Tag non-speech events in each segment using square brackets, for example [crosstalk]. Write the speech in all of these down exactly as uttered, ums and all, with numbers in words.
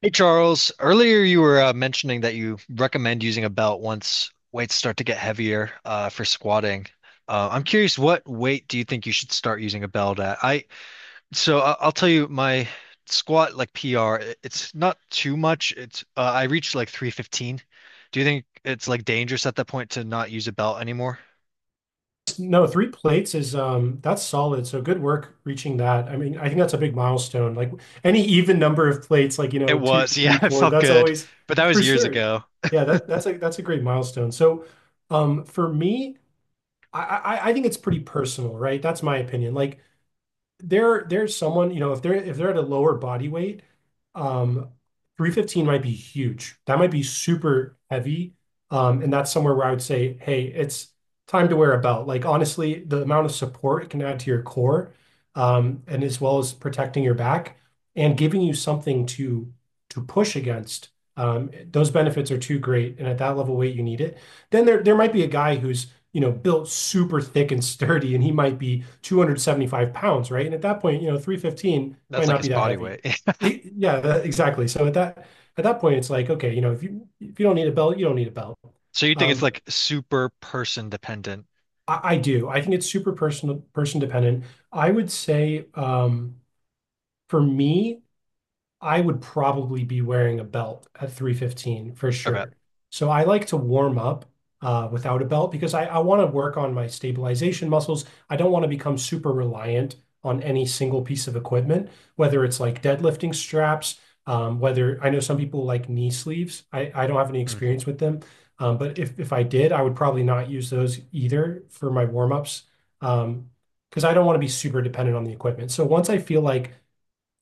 Hey Charles, earlier you were uh, mentioning that you recommend using a belt once weights start to get heavier uh, for squatting. Uh, I'm curious, what weight do you think you should start using a belt at? I so I- I'll tell you my squat like P R. It's not too much. It's uh, I reached like three fifteen. Do you think it's like dangerous at that point to not use a belt anymore? No, three plates is um that's solid. So good work reaching that. I mean, I think that's a big milestone. Like any even number of plates, like you It know, two, was, yeah, three, [laughs] it four, felt that's good, always but that was for years sure. ago. Yeah, that that's a that's a great milestone. So um for me, I I, I think it's pretty personal, right? That's my opinion. Like there there's someone, you know, if they're if they're at a lower body weight, um, three fifteen might be huge. That might be super heavy. Um, and that's somewhere where I would say, hey, it's time to wear a belt. Like honestly, the amount of support it can add to your core, um, and as well as protecting your back and giving you something to to push against. Um, those benefits are too great. And at that level weight, you need it. Then there there might be a guy who's you know, built super thick and sturdy, and he might be two hundred seventy-five pounds, right? And at that point, you know, three fifteen That's might like not his be that body heavy. weight. [laughs] It- yeah, that, exactly. So at that at that point, it's like, okay, you know, if you if you don't need a belt, you don't need a belt. So you think it's Um, but like super person dependent? I, I do. I think it's super personal, person dependent. I would say, um, for me, I would probably be wearing a belt at three fifteen for Okay. sure. So I like to warm up uh, without a belt because I, I want to work on my stabilization muscles. I don't want to become super reliant on any single piece of equipment, whether it's like deadlifting straps, um, whether I know some people like knee sleeves. I, I don't have any Mm, experience with them. Um, but if, if I did, I would probably not use those either for my warm ups um, because I don't want to be super dependent on the equipment. So once I feel like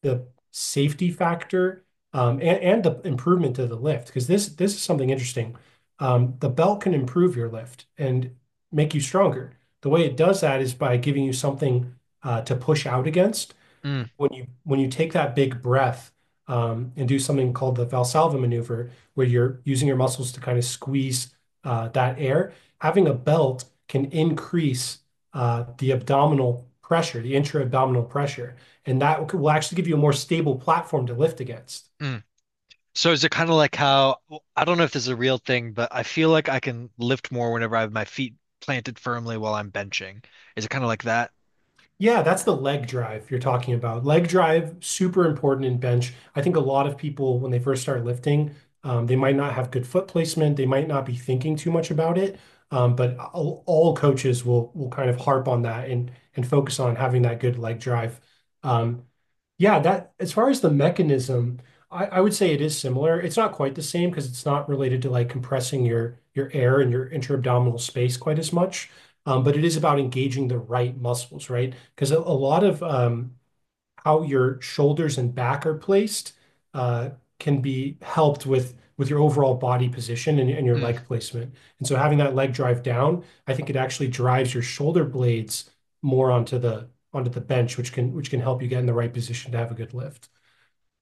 the safety factor um, and, and the improvement to the lift because this this is something interesting. Um, the belt can improve your lift and make you stronger. The way it does that is by giving you something uh, to push out against mm, when you when you take that big breath um, and do something called the Valsalva maneuver, where you're using your muscles to kind of squeeze uh, that air, having a belt can increase uh, the abdominal pressure, the intra-abdominal pressure, and that will actually give you a more stable platform to lift against. mm. So is it kind of like how I don't know if this is a real thing, but I feel like I can lift more whenever I have my feet planted firmly while I'm benching. Is it kind of like that? Yeah, that's the leg drive you're talking about. Leg drive, super important in bench. I think a lot of people, when they first start lifting, um, they might not have good foot placement. They might not be thinking too much about it. Um, but all, all coaches will will kind of harp on that and and focus on having that good leg drive. Um, yeah, that as far as the mechanism, I, I would say it is similar. It's not quite the same because it's not related to like compressing your your air and your interabdominal space quite as much. Um, but it is about engaging the right muscles, right? Because a, a lot of um, how your shoulders and back are placed uh, can be helped with with your overall body position and and your Mm, leg placement. And so, having that leg drive down, I think it actually drives your shoulder blades more onto the onto the bench, which can which can help you get in the right position to have a good lift.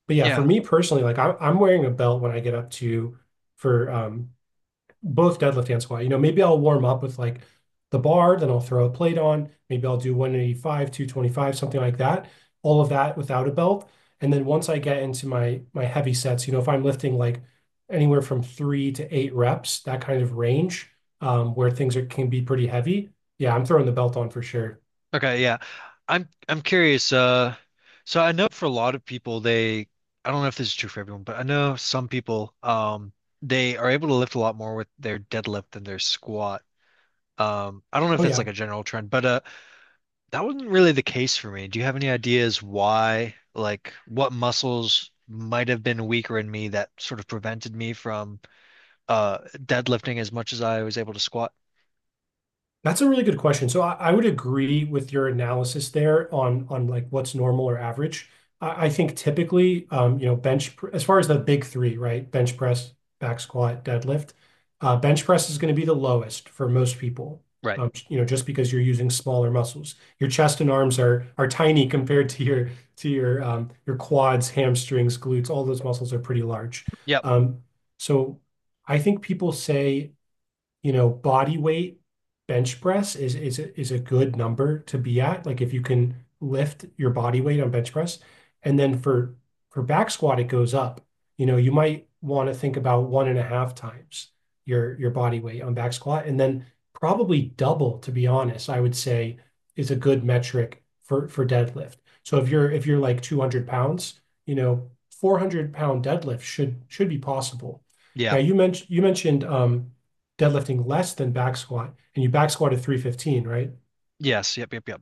But yeah, for yeah. me personally, like I, I'm wearing a belt when I get up to for um, both deadlift and squat. You know, maybe I'll warm up with like the bar, then I'll throw a plate on. Maybe I'll do one eighty-five, two twenty-five, something like that. All of that without a belt. And then once I get into my my heavy sets, you know, if I'm lifting like anywhere from three to eight reps, that kind of range, um, where things are can be pretty heavy. Yeah, I'm throwing the belt on for sure. Okay, yeah. I'm I'm curious. Uh, so I know for a lot of people, they I don't know if this is true for everyone, but I know some people um they are able to lift a lot more with their deadlift than their squat. Um, I don't know if Oh that's like yeah. a general trend, but uh, that wasn't really the case for me. Do you have any ideas why, like, what muscles might have been weaker in me that sort of prevented me from uh deadlifting as much as I was able to squat? That's a really good question. So I, I would agree with your analysis there on on like what's normal or average. I, I think typically, um, you know, bench pr- as far as the big three, right? Bench press, back squat, deadlift. Uh, bench press is going to be the lowest for most people. Right. Um, you know, just because you're using smaller muscles, your chest and arms are are tiny [laughs] compared to your to your um, your quads, hamstrings, glutes. All those muscles are pretty large. Yep. Um, so I think people say you know, body weight bench press is is a, is a good number to be at. Like if you can lift your body weight on bench press, and then for for back squat it goes up. You know, you might want to think about one and a half times your your body weight on back squat, and then probably double, to be honest, I would say is a good metric for for deadlift. So if you're if you're like two hundred pounds, you know, four hundred pound deadlift should should be possible. Yeah. Now you mentioned you mentioned um, deadlifting less than back squat, and you back squatted three fifteen, right? Yes. Yep. Yep. Yep.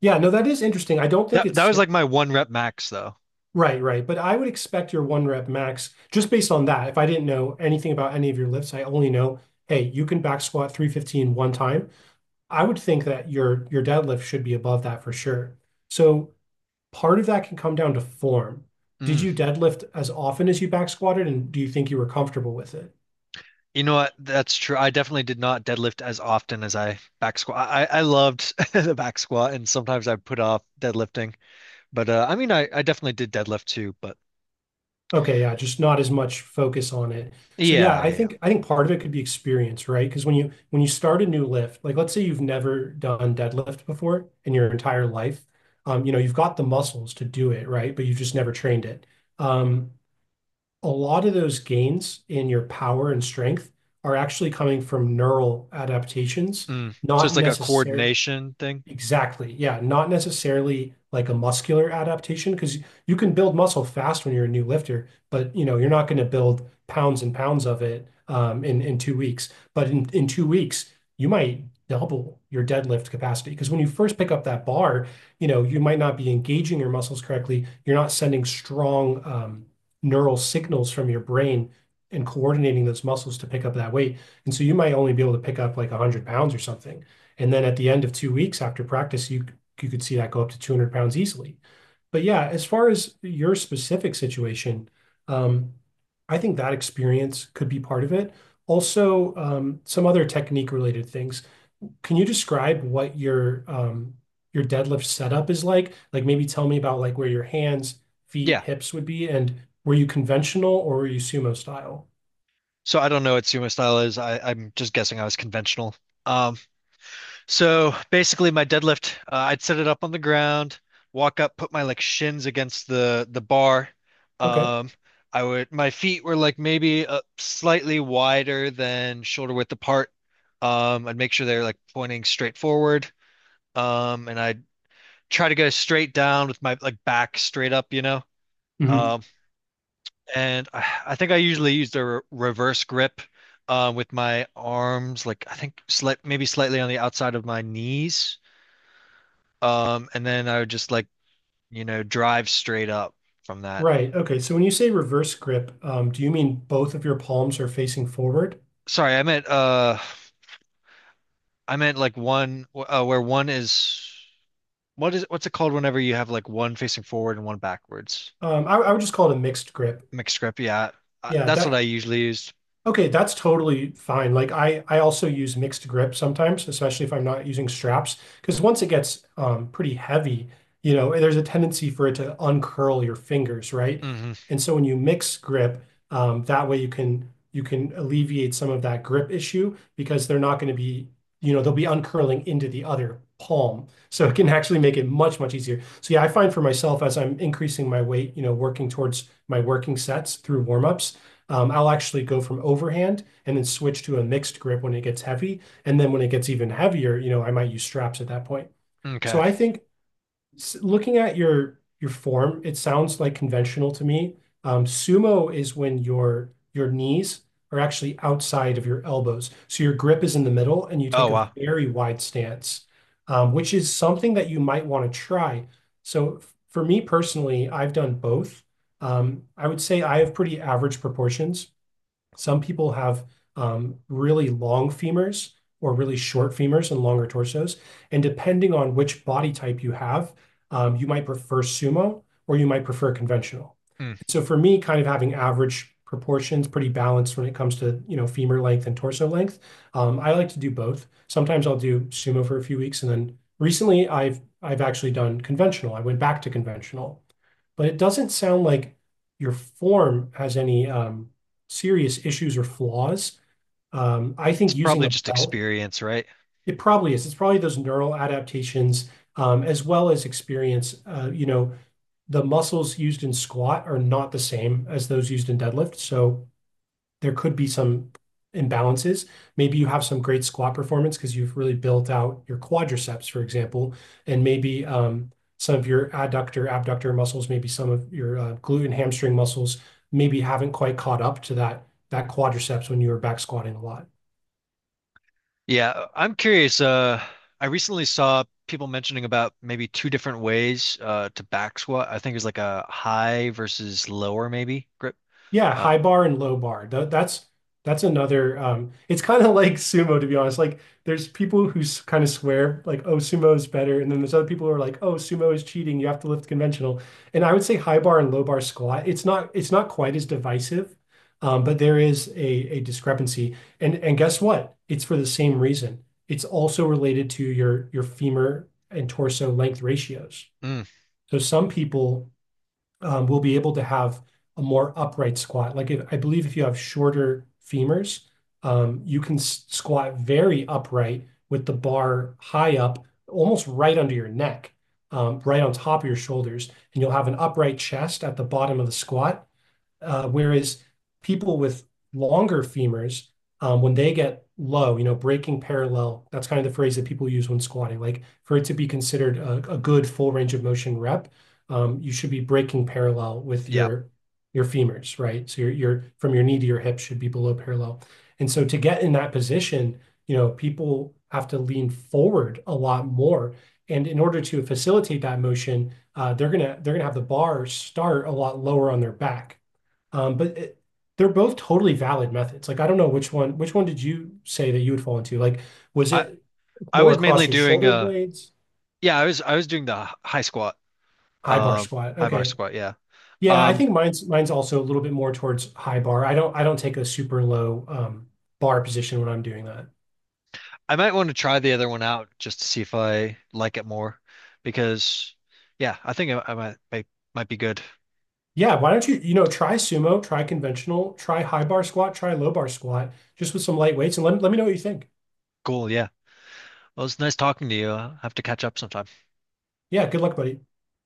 Yeah, no, that is interesting. I don't think That that it's was like my one rep max though. right, right. But I would expect your one rep max just based on that. If I didn't know anything about any of your lifts, I only know, hey, you can back squat three fifteen one time. I would think that your your deadlift should be above that for sure. So part of that can come down to form. Did Mm. you deadlift as often as you back squatted, and do you think you were comfortable with it? You know what? That's true. I definitely did not deadlift as often as I back squat. I, I loved [laughs] the back squat, and sometimes I put off deadlifting. But uh, I mean, I, I definitely did deadlift too. But Okay, yeah, just not as much focus on it. So yeah, yeah, I yeah, yeah. think I think part of it could be experience, right? Because when you when you start a new lift, like let's say you've never done deadlift before in your entire life, um, you know, you've got the muscles to do it, right? But you've just never trained it. Um, a lot of those gains in your power and strength are actually coming from neural adaptations, Mm. So it's not like a necessarily coordination thing. exactly. Yeah. Not necessarily like a muscular adaptation because you can build muscle fast when you're a new lifter, but you know, you're not going to build pounds and pounds of it um, in, in two weeks. But in, in two weeks, you might double your deadlift capacity because when you first pick up that bar, you know, you might not be engaging your muscles correctly. You're not sending strong um, neural signals from your brain and coordinating those muscles to pick up that weight. And so you might only be able to pick up like one hundred pounds or something. And then at the end of two weeks after practice, you you could see that go up to two hundred pounds easily. But yeah, as far as your specific situation, um, I think that experience could be part of it. Also, um, some other technique-related things. Can you describe what your um, your deadlift setup is like? Like maybe tell me about like where your hands, feet, Yeah. hips would be, and were you conventional or were you sumo style? So I don't know what sumo style is. I, I'm just guessing I was conventional. Um, so basically my deadlift, uh, I'd set it up on the ground, walk up, put my like shins against the the bar. Okay. Um, I would my feet were like maybe uh, slightly wider than shoulder width apart. Um, I'd make sure they're like pointing straight forward. Um, and I'd try to go straight down with my like back straight up, you know. Mm-hmm. Um, And I, I think I usually use the re reverse grip uh, with my arms, like I think slight, maybe slightly on the outside of my knees. Um, and then I would just like, you know, drive straight up from that. Right. Okay. So when you say reverse grip, um, do you mean both of your palms are facing forward? Sorry, I meant uh I meant like one uh, where one is what is what's it called whenever you have like one facing forward and one backwards? Um, I, I would just call it a mixed grip. Mixed grip, yeah. Uh, Yeah, that's what I that usually use. okay, that's totally fine. Like I, I also use mixed grip sometimes, especially if I'm not using straps, because once it gets um, pretty heavy, you know, there's a tendency for it to uncurl your fingers, right? Hmm. And so when you mix grip, um, that way you can you can alleviate some of that grip issue because they're not going to be, you know, they'll be uncurling into the other palm. [laughs] So it can actually make it much, much easier. So yeah, I find for myself as I'm increasing my weight, you know, working towards my working sets through warm-ups um, I'll actually go from overhand and then switch to a mixed grip when it gets heavy. And then when it gets even heavier, you know, I might use straps at that point. So Okay. I think looking at your your form, it sounds like conventional to me. Um, Sumo is when your your knees are actually outside of your elbows. So your grip is in the middle and you Oh take a wow. very wide stance, um, which is something that you might want to try. So for me personally, I've done both. Um, I would say I have pretty average proportions. Some people have um, really long femurs or really short femurs and longer torsos. And depending on which body type you have, um, you might prefer sumo or you might prefer conventional. Mm. So for me, kind of having average proportions, pretty balanced when it comes to, you know, femur length and torso length, Um, I like to do both. Sometimes I'll do sumo for a few weeks, and then recently I've I've actually done conventional. I went back to conventional. But it doesn't sound like your form has any um, serious issues or flaws. Um, I It's think using probably a just belt, experience, right? It probably is. It's probably those neural adaptations um, as well as experience. Uh, You know, The muscles used in squat are not the same as those used in deadlift. So there could be some imbalances. Maybe you have some great squat performance because you've really built out your quadriceps, for example, and maybe um, some of your adductor, abductor muscles, maybe some of your uh, glute and hamstring muscles maybe haven't quite caught up to that that quadriceps when you were back squatting a lot. Yeah, I'm curious. Uh, I recently saw people mentioning about maybe two different ways uh, to back squat. I think it's like a high versus lower maybe grip. Yeah, Uh, high bar and low bar. Tha- that's that's another um it's kind of [laughs] like sumo, to be honest. Like there's people who kind of swear like, oh, sumo is better, and then there's other people who are like, oh, sumo is cheating, you have to lift conventional. And I would say high bar and low bar squat, It's not it's not quite as divisive. Um, but there is a a discrepancy. And and guess what? It's for the same reason. It's also related to your your femur and torso length ratios. mm, So some people um, we'll be able to have a more upright squat. Like, if, I believe if you have shorter femurs, um, you can squat very upright with the bar high up, almost right under your neck, um, right on top of your shoulders, and you'll have an upright chest at the bottom of the squat, uh, whereas people with longer femurs, um, when they get low, you know, breaking parallel, that's kind of the phrase that people use when squatting. Like, for it to be considered a, a good full range of motion rep, um, you should be breaking parallel with yeah, your your femurs, right? So your your from your knee to your hip should be below parallel. And so to get in that position, you know, people have to lean forward a lot more. And in order to facilitate that motion, uh, they're gonna they're gonna have the bar start a lot lower on their back. Um, but it, they're both totally valid methods. Like, I don't know, which one which one did you say that you would fall into? Like, was I it I more was across mainly your doing shoulder uh blades? yeah I was I was doing the h- high squat, High bar um squat. high bar Okay. squat. Yeah, Yeah, I um think mine's mine's also a little bit more towards high bar. I don't I don't take a super low um, bar position when I'm doing that. I might want to try the other one out just to see if I like it more because yeah I think I, I might, might might be good. Yeah, why don't you, you know, try sumo, try conventional, try high bar squat, try low bar squat, just with some light weights, and let let me know what you think. Cool. Yeah. Well, it's nice talking to you. I have to catch up sometime. Yeah, good luck, buddy.